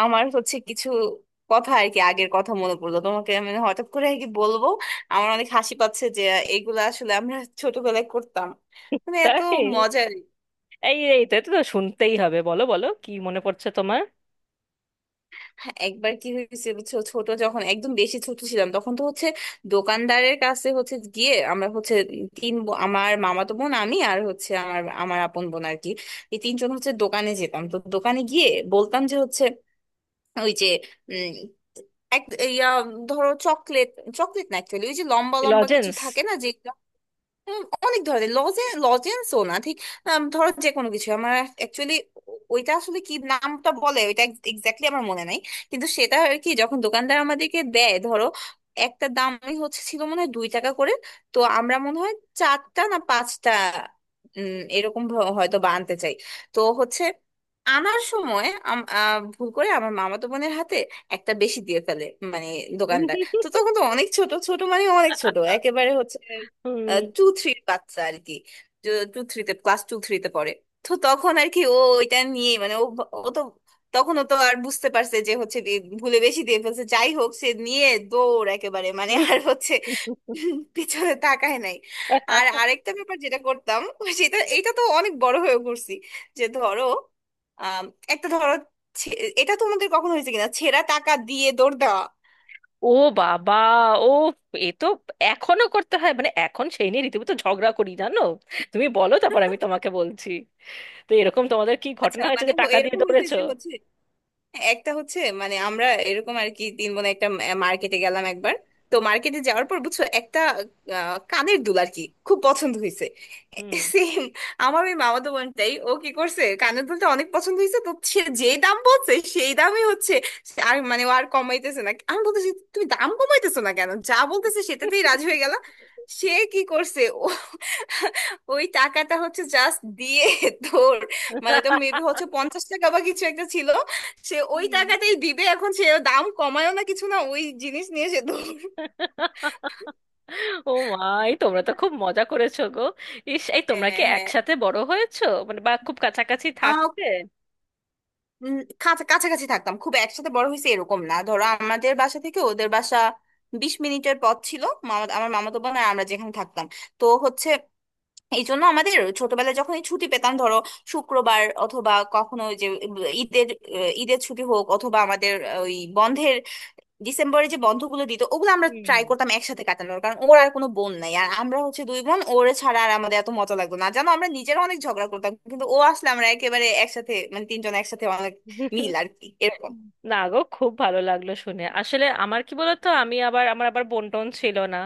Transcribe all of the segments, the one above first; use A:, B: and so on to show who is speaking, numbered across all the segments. A: আমার হচ্ছে কিছু কথা আর কি আগের কথা মনে পড়লো, তোমাকে আমি হঠাৎ করে আর কি বলবো আমার অনেক হাসি পাচ্ছে যে এগুলা আসলে আমরা ছোটবেলায় করতাম, মানে এত
B: তাই।
A: মজার।
B: এই এই তো এটা তো শুনতেই হবে। বলো বলো, কি মনে পড়ছে তোমার?
A: একবার কি হয়েছে বুঝছো, ছোট যখন একদম বেশি ছোট ছিলাম তখন তো হচ্ছে দোকানদারের কাছে হচ্ছে গিয়ে আমরা হচ্ছে আমার মামাতো বোন, আমি আর হচ্ছে আমার আমার আপন বোন আর কি এই তিনজন হচ্ছে দোকানে যেতাম। তো দোকানে গিয়ে বলতাম যে হচ্ছে ওই যে এক ইয়া ধরো চকলেট, চকলেট না অ্যাকচুয়ালি, ওই যে লম্বা লম্বা কিছু
B: লজেন্স।
A: থাকে না যে অনেক ধরনের লজেন্সও না ঠিক, ধরো যে কোনো কিছু আমার অ্যাকচুয়ালি ওইটা আসলে কি, নামটা বলে ওইটা এক্স্যাক্টলি আমার মনে নাই, কিন্তু সেটা আর কি যখন দোকানদার আমাদেরকে দেয় ধরো একটা দামই হচ্ছে ছিল মনে হয় 2 টাকা করে। তো আমরা মনে হয় চারটা না পাঁচটা এরকম হয়তো বা আনতে চাই। তো হচ্ছে আনার সময় ভুল করে আমার মামাতো বোনের হাতে একটা বেশি দিয়ে ফেলে, মানে দোকানদার। তো তখন তো অনেক ছোট ছোট, মানে অনেক ছোট একেবারে হচ্ছে টু থ্রির বাচ্চা আর কি টু থ্রিতে, ক্লাস টু থ্রিতে পড়ে। তো তখন আর কি ও এটা নিয়ে, মানে ও তো তখনও তো আর বুঝতে পারছে যে হচ্ছে যে ভুলে বেশি দিয়ে ফেলছে, যাই হোক সে নিয়ে দৌড় একেবারে, মানে আর হচ্ছে পিছনে তাকায় নাই। আর আরেকটা ব্যাপার যেটা করতাম, সেটা, এটা তো অনেক বড় হয়ে করছি, যে ধরো আম, একটা ধরো ছে- এটা তোমাদের কখনো হয়েছে কিনা, ছেঁড়া টাকা দিয়ে দৌড় দেওয়া।
B: ও বাবা! ও, এ তো এখনো করতে হয়, মানে এখন সেই নিয়ে রীতিমতো ঝগড়া করি, জানো। তুমি বলো, তারপর আমি তোমাকে বলছি। তো এরকম তোমাদের কি
A: আচ্ছা,
B: ঘটনা হয়েছে
A: মানে
B: যে টাকা দিয়ে
A: এরকম হয়েছে
B: দৌড়েছো?
A: যে হচ্ছে, হ্যাঁ, একটা হচ্ছে, মানে আমরা এরকম আর কি তিন বোন একটা মার্কেটে গেলাম একবার। তো মার্কেটে যাওয়ার পর বুঝছো একটা কানের দুল আর কি খুব পছন্দ হয়েছে, সেম। আমার ওই মামাতো বোনটাই, ও কি করছে, কানের দুলটা অনেক পছন্দ হয়েছে, তো সে যে দাম বলছে সেই দামই হচ্ছে সে, আর মানে ও আর কমাইতেছে না। আমি বলতেছি, তুমি দাম কমাইতেছো না কেন, যা বলতেছে সেটাতেই রাজি হয়ে গেল। সে কি করছে, ও ওই টাকাটা হচ্ছে জাস্ট দিয়ে, তোর, মানে ওটা মেবি হচ্ছে 50 টাকা বা কিছু একটা ছিল। সে ওই
B: হুম।
A: টাকাটাই দিবে, এখন সে দাম কমায়ও না কিছু না, ওই জিনিস নিয়ে সে দৌড়।
B: ও মা! এই তোমরা তো খুব মজা করেছো গো। ইস, এই তোমরা কি
A: হ্যাঁ, হ্যাঁ,
B: একসাথে বড় হয়েছো, মানে বা খুব কাছাকাছি
A: আহ,
B: থাকতে?
A: উম, কাছাকাছি থাকতাম, খুব একসাথে বড় হয়েছে এরকম না। ধরো আমাদের বাসা থেকে ওদের বাসা 20 মিনিটের পথ ছিল মামা, আমার মামাতো বোন আর আমরা যেখানে থাকতাম। তো হচ্ছে এই জন্য আমাদের ছোটবেলায় যখন এই ছুটি পেতাম ধরো শুক্রবার, অথবা কখনো ওই যে ঈদের ঈদের ছুটি হোক অথবা আমাদের ওই বন্ধের ডিসেম্বরে যে বন্ধগুলো দিত, ওগুলো আমরা
B: হুম।
A: ট্রাই করতাম একসাথে কাটানোর। কারণ ওর আর কোনো বোন নাই আর আমরা হচ্ছে দুই বোন, ওর ছাড়া আর আমাদের এত মজা লাগতো না জানো, আমরা নিজেরা অনেক ঝগড়া করতাম কিন্তু ও আসলে আমরা একেবারে একসাথে, মানে তিনজন একসাথে অনেক মিল আর কি এরকম
B: না গো, খুব ভালো লাগলো শুনে। আসলে আমার কি বলতো, আমি আবার আমার আবার বোন টোন ছিল না।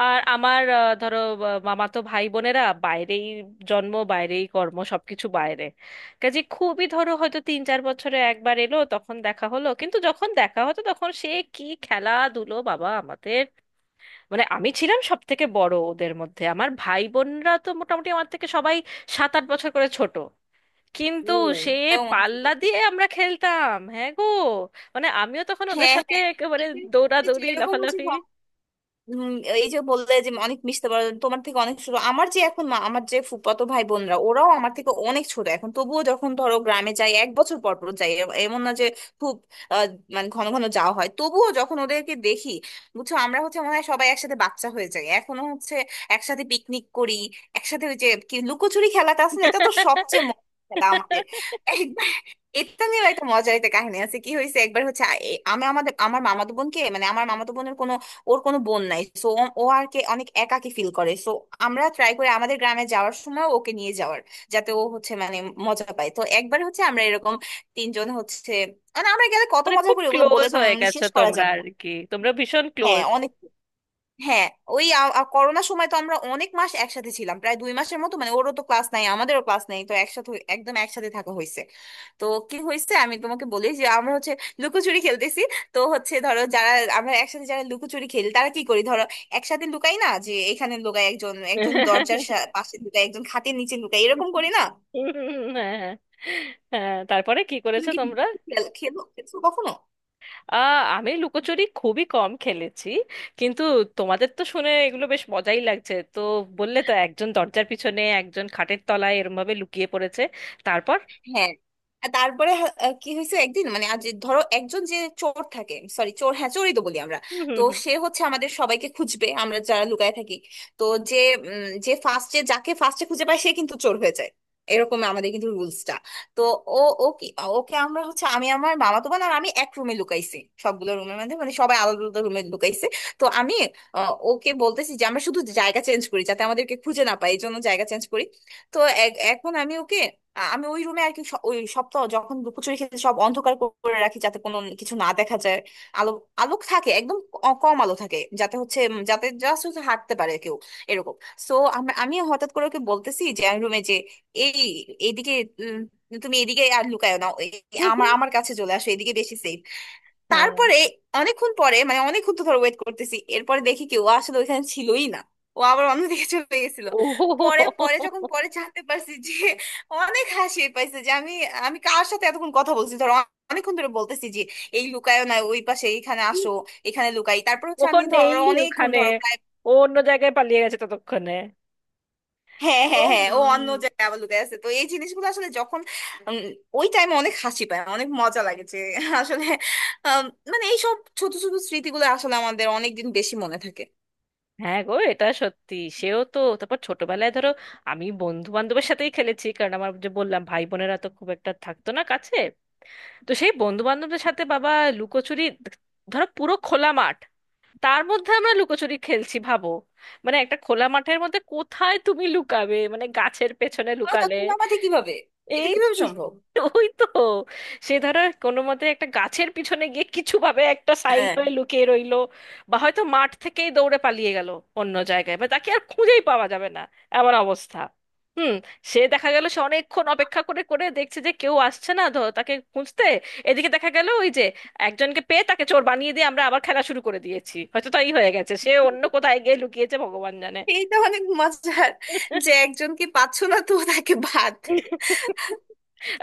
B: আর আমার ধরো মামাতো ভাই বোনেরা বাইরেই জন্ম, বাইরেই কর্ম, সবকিছু বাইরে। কাজে খুবই, ধরো হয়তো 3-4 বছরে একবার এলো তখন দেখা হলো, কিন্তু যখন দেখা হতো তখন সে কি খেলাধুলো বাবা আমাদের! মানে আমি ছিলাম সব থেকে বড় ওদের মধ্যে, আমার ভাই বোনরা তো মোটামুটি আমার থেকে সবাই 7-8 বছর করে ছোট। কিন্তু
A: ও,
B: সে
A: তাও মনে করো।
B: পাল্লা দিয়ে আমরা খেলতাম, হ্যাঁ গো। মানে আমিও তখন ওদের
A: হ্যাঁ,
B: সাথে
A: হ্যাঁ,
B: একেবারে
A: এই
B: দৌড়াদৌড়ি
A: এরকম হচ্ছে,
B: লাফালাফি।
A: উম, এই যে বললে যে অনেক মিশতে পারো তোমার থেকে অনেক ছোট, আমার যে এখন আমার যে ফুফাতো ভাই বোনরা ওরাও আমার থেকে অনেক ছোট এখন, তবুও যখন ধরো গ্রামে যাই, এক বছর পর পর যাই, এমন না যে খুব আহ, মানে ঘন ঘন যাওয়া হয়, তবুও যখন ওদেরকে দেখি বুঝছো আমরা হচ্ছে, মনে হয় সবাই একসাথে বাচ্চা হয়ে যাই এখনো হচ্ছে একসাথে পিকনিক করি, একসাথে ওই যে কি লুকোচুরি খেলাটা আছে না, এটা তো সবচেয়ে মজার খেলা আমাদের। একবার এটা নিয়েও একটা মজার একটা কাহিনী আছে, কি হয়েছে একবার হচ্ছে আমি আমাদের আমার মামাতো বোনকে, মানে আমার মামাতো বোনের কোনো, ওর কোনো বোন নাই সো ও আর কে অনেক একাকী ফিল করে সো আমরা ট্রাই করি আমাদের গ্রামে যাওয়ার সময় ওকে নিয়ে যাওয়ার, যাতে ও হচ্ছে মানে মজা পায়। তো একবার হচ্ছে আমরা এরকম তিনজন হচ্ছে, মানে আমরা গেলে কত
B: মানে
A: মজা
B: খুব
A: করি, ওগুলো বলে
B: ক্লোজ
A: তো
B: হয়ে
A: মানে
B: গেছো
A: শেষ করা
B: তোমরা
A: যাবে
B: আর
A: না।
B: কি, তোমরা ভীষণ
A: হ্যাঁ,
B: ক্লোজ।
A: অনেক, হ্যাঁ, ওই করোনার সময় তো আমরা অনেক মাস একসাথে ছিলাম, প্রায় 2 মাসের মতো, মানে ওরও তো ক্লাস নাই আমাদেরও ক্লাস নাই, তো একসাথে একদম একসাথে থাকা হয়েছে। তো কি হয়েছে আমি তোমাকে বলি, যে আমরা হচ্ছে লুকোচুরি খেলতেছি। তো হচ্ছে ধরো যারা আমরা একসাথে যারা লুকোচুরি খেলি, তারা কি করি, ধরো একসাথে লুকাই না, যে এখানে লুকাই একজন, একজন দরজার পাশে লুকাই, একজন খাটের নিচে লুকাই, এরকম করি না।
B: হ্যাঁ হ্যাঁ। হ্যাঁ, তারপরে কি
A: তুমি
B: করেছো
A: কি
B: তোমরা?
A: খেলো, খেলছো কখনো?
B: আহ, আমি লুকোচুরি খুবই কম খেলেছি। কিন্তু তোমাদের তো শুনে এগুলো বেশ মজাই লাগছে তো। বললে তো একজন দরজার পিছনে একজন খাটের তলায় এরম ভাবে লুকিয়ে পড়েছে, তারপর?
A: হ্যাঁ। আর তারপরে হা- আহ কি হয়েছে একদিন, মানে আজ ধরো একজন যে চোর থাকে, সরি চোর, হ্যাঁ চোরই তো বলি আমরা,
B: হুম, হুম,
A: তো
B: হুম,
A: সে হচ্ছে আমাদের সবাইকে খুঁজবে, আমরা যারা লুকায় থাকি, তো যে যে ফার্স্টে, যাকে ফার্স্টে খুঁজে পায় সে কিন্তু চোর হয়ে যায়, এরকম আমাদের কিন্তু রুলসটা। তো ও ও কি, ওকে আমরা হচ্ছে, আমি আমার মামাতো বোন আর আমি এক রুমে লুকাইছি, সবগুলো রুমের মধ্যে মানে সবাই আলাদা আলাদা রুমে লুকাইছি। তো আমি ওকে বলতেছি যে আমরা শুধু জায়গা চেঞ্জ করি যাতে আমাদেরকে খুঁজে না পায়, এই জন্য জায়গা চেঞ্জ করি। তো এখন আমি ওকে আমি ওই রুমে আর কি ওই সপ্তাহ যখন লুকোচুরি খেতে সব অন্ধকার করে রাখি যাতে কোনো কিছু না দেখা যায়, আলো, আলোক থাকে একদম কম আলো থাকে যাতে হচ্ছে যাতে জাস্ট হচ্ছে হাঁটতে পারে কেউ এরকম। সো আমি আমি হঠাৎ করে ওকে বলতেছি যে আমি রুমে যে এই এইদিকে উম, তুমি এদিকে আর লুকায়ো না, আমার
B: হুম।
A: আমার কাছে চলে আসো এদিকে বেশি সেফ।
B: হ্যাঁ।
A: তারপরে অনেকক্ষণ পরে, মানে অনেকক্ষণ তো ধর ওয়েট করতেছি, এরপরে দেখি কি ও আসলে ওইখানে ছিলই না, ও আবার অন্যদিকে চলে গেছিল। পরে
B: ও,
A: পরে যখন পরে জানতে পারছি যে অনেক হাসি পাইছে যে আমি আমি কার সাথে এতক্ষণ কথা বলছি ধর, অনেকক্ষণ ধরে বলতেছি যে এই লুকায়ও না ওই পাশে, এইখানে আসো, এখানে লুকাই। তারপর হচ্ছে আমি
B: ওখন
A: ধর
B: নেই
A: অনেকক্ষণ
B: ওখানে।
A: ধরো প্রায়,
B: ও অন্য জায়গায় পালিয়ে গেছে ততক্ষণে।
A: হ্যাঁ
B: ও
A: হ্যাঁ হ্যাঁ,
B: মা।
A: ও অন্য জায়গায় আবার লুকিয়ে আছে। তো এই জিনিসগুলো আসলে যখন উম, ওই টাইমে অনেক হাসি পায়, অনেক মজা লাগে যে আসলে, আম, মানে এইসব ছোট ছোট স্মৃতিগুলো আসলে আমাদের অনেকদিন বেশি মনে থাকে।
B: হ্যাঁ গো, এটা সত্যি। সেও তো তারপর ছোটবেলায়, ধরো আমি বন্ধু বান্ধবের সাথেই খেলেছি, কারণ আমার, যে বললাম, ভাই বোনেরা তো খুব একটা থাকতো না কাছে। তো সেই বন্ধু বান্ধবদের সাথে বাবা লুকোচুরি! ধরো পুরো খোলা মাঠ, তার মধ্যে আমরা লুকোচুরি খেলছি ভাবো। মানে একটা খোলা মাঠের মধ্যে কোথায় তুমি লুকাবে, মানে গাছের পেছনে
A: আর
B: লুকালে?
A: তুমি আমাকে কিভাবে, এটা কিভাবে
B: এই,
A: সম্ভব?
B: ওই তো, সে ধরো কোনো মতে একটা গাছের পিছনে গিয়ে কিছু ভাবে একটা সাইড
A: হ্যাঁ,
B: হয়ে লুকিয়ে রইলো। বা হয়তো মাঠ থেকেই দৌড়ে পালিয়ে গেল অন্য জায়গায়, বা তাকে আর খুঁজেই পাওয়া যাবে না, এমন অবস্থা। হুম। সে দেখা গেল, সে অনেকক্ষণ অপেক্ষা করে করে দেখছে যে কেউ আসছে না তাকে খুঁজতে। এদিকে দেখা গেল ওই যে একজনকে পেয়ে তাকে চোর বানিয়ে দিয়ে আমরা আবার খেলা শুরু করে দিয়েছি, হয়তো তাই হয়ে গেছে, সে অন্য কোথায় গিয়ে লুকিয়েছে ভগবান জানে।
A: এইটা অনেক মজার যে একজনকে পাচ্ছ না তো তাকে বাদ।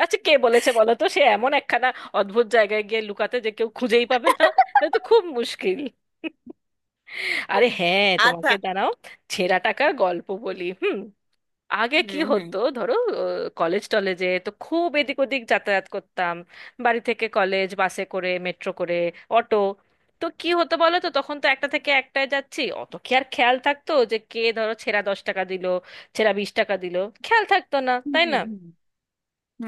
B: আচ্ছা কে বলেছে বলো তো সে এমন একখানা অদ্ভুত জায়গায় গিয়ে লুকাতে, যে কেউ খুঁজেই পাবে না? না তো, খুব মুশকিল। আরে হ্যাঁ
A: আচ্ছা।
B: তোমাকে, দাঁড়াও ছেঁড়া টাকার গল্প বলি, হুম। আগে
A: হুম,
B: কি
A: হুম,
B: হতো ধরো, কলেজ টলেজে তো খুব এদিক ওদিক যাতায়াত করতাম। বাড়ি থেকে কলেজ বাসে করে, মেট্রো করে, অটো। তো কি হতো বলো তো, তখন তো একটা থেকে একটায় যাচ্ছি, অত কি আর খেয়াল থাকতো যে কে ধরো ছেঁড়া 10 টাকা দিল, ছেঁড়া 20 টাকা দিল? খেয়াল থাকতো না,
A: হুম,
B: তাই না?
A: হুম,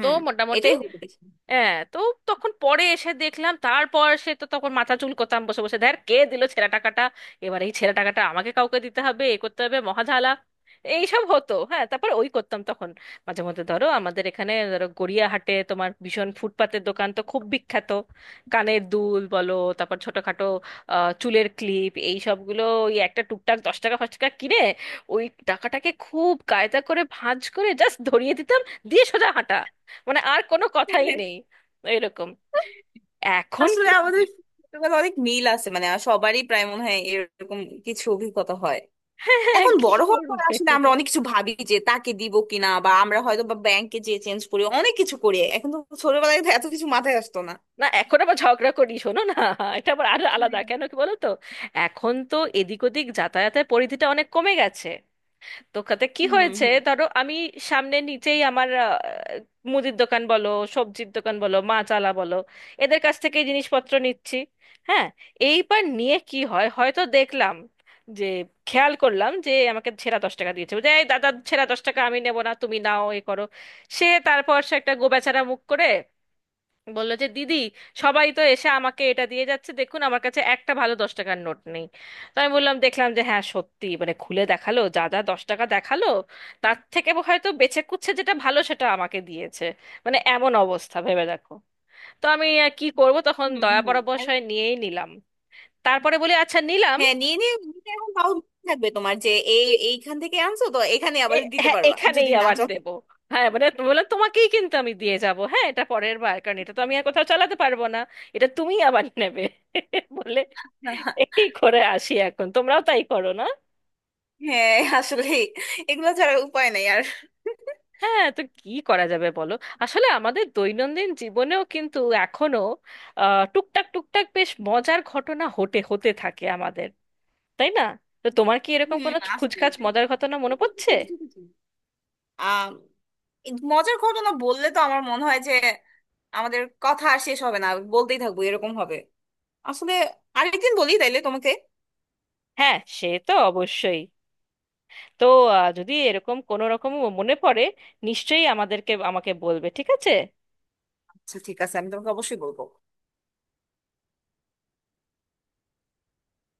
B: তো মোটামুটি
A: এটাই হতে পারে।
B: হ্যাঁ, তো তখন পরে এসে দেখলাম, তারপর সে তো তখন মাথা চুলকোতাম বসে বসে, ধ্যার, কে দিল ছেঁড়া টাকাটা। এবার এই ছেঁড়া টাকাটা আমাকে কাউকে দিতে হবে, এ করতে হবে, মহাঝালা। এইসব হতো, হ্যাঁ। তারপর ওই করতাম তখন, মাঝে মধ্যে ধরো, আমাদের এখানে ধরো গড়িয়াহাটে তোমার ভীষণ ফুটপাতের দোকান তো খুব বিখ্যাত, কানের দুল বলো, তারপর ছোটখাটো চুলের ক্লিপ, এই সবগুলো ওই একটা টুকটাক 10 টাকা 5 টাকা কিনে ওই টাকাটাকে খুব কায়দা করে ভাঁজ করে জাস্ট ধরিয়ে দিতাম। দিয়ে সোজা হাঁটা, মানে আর কোনো কথাই নেই। এরকম। এখন
A: আসলে
B: কি?
A: আমাদের ছোটবেলায় অনেক মিল আছে, মানে সবারই প্রায় মনে হয় এরকম কিছু অভিজ্ঞতা হয়।
B: হ্যাঁ হ্যাঁ,
A: এখন
B: কি
A: বড় হওয়ার পর
B: করবে।
A: আসলে আমরা অনেক কিছু ভাবি, যে তাকে দিব কিনা, বা আমরা হয়তো বা ব্যাংকে যেয়ে চেঞ্জ করি, অনেক কিছু করি এখন তো। ছোটবেলায় তো এত কিছু মাথায় আসতো না।
B: না, এখন আবার ঝগড়া করি শোনো না। এটা আবার আরো আলাদা,
A: হ্যাঁ।
B: কেন কি বলো তো। এখন তো এদিক ওদিক যাতায়াতের পরিধিটা অনেক কমে গেছে। দোকানে কি
A: হুম,
B: হয়েছে,
A: হুম,
B: ধরো আমি সামনে নিচেই আমার মুদির দোকান বলো, সবজির দোকান বলো, মাছ আলা বলো, এদের কাছ থেকে এই জিনিসপত্র নিচ্ছি। হ্যাঁ। এইবার নিয়ে কি হয়, হয়তো দেখলাম যে, খেয়াল করলাম যে আমাকে ছেঁড়া 10 টাকা দিয়েছে। বলছে এই দাদা, ছেঁড়া 10 টাকা আমি নেবো না, তুমি নাও, এ করো। সে তারপর সে একটা গোবেচারা মুখ করে বললো যে দিদি, সবাই তো এসে আমাকে এটা দিয়ে যাচ্ছে, দেখুন আমার কাছে একটা ভালো 10 টাকার নোট নেই। তো আমি বললাম, দেখলাম যে হ্যাঁ সত্যি, মানে খুলে দেখালো যা যা 10 টাকা দেখালো, তার থেকে হয়তো বেছে কুচ্ছে যেটা ভালো সেটা আমাকে দিয়েছে। মানে এমন অবস্থা ভেবে দেখো। তো আমি আর কি করব তখন,
A: হুম,
B: দয়া
A: হুম, আর,
B: পরবশয় নিয়েই নিলাম। তারপরে বলি আচ্ছা নিলাম।
A: হ্যাঁ, নিয়ে নিয়ে নিতে, এখন তাও মনে থাকবে তোমার যে এই এইখান থেকে আনছো, তো এখানে আবার
B: এ-
A: দিতে
B: হ্যাঁ,
A: পারবা
B: এখানেই
A: যদি না
B: আবার
A: চলো।
B: দেবো। হ্যাঁ মানে বলে, তোমাকেই কিন্তু আমি দিয়ে যাব হ্যাঁ এটা পরের বার, কারণ এটা তো আমি আর কোথাও চালাতে পারবো না, এটা তুমি আবার নেবে। বলে এই করে আসি, এখন তোমরাও তাই করো না।
A: হ্যাঁ, আসলে এগুলো ছাড়া উপায় নাই আর।
B: হ্যাঁ তো কি করা যাবে বলো। আসলে আমাদের দৈনন্দিন জীবনেও কিন্তু এখনো টুকটাক টুকটাক বেশ মজার ঘটনা হতে হতে থাকে আমাদের, তাই না? তো তোমার কি এরকম
A: হুম,
B: কোনো
A: আসবে,
B: খুচখাচ মজার ঘটনা মনে পড়ছে?
A: আহ মজার ঘটনা বললে তো আমার মনে হয় যে আমাদের কথা আর শেষ হবে না, বলতেই থাকবো এরকম হবে। আসলে আরেকদিন বলি তাইলে তোমাকে।
B: হ্যাঁ সে তো অবশ্যই। তো যদি এরকম কোনো রকম মনে পড়ে, নিশ্চয়ই আমাকে বলবে, ঠিক আছে।
A: আচ্ছা, ঠিক আছে, আমি তোমাকে অবশ্যই বলবো।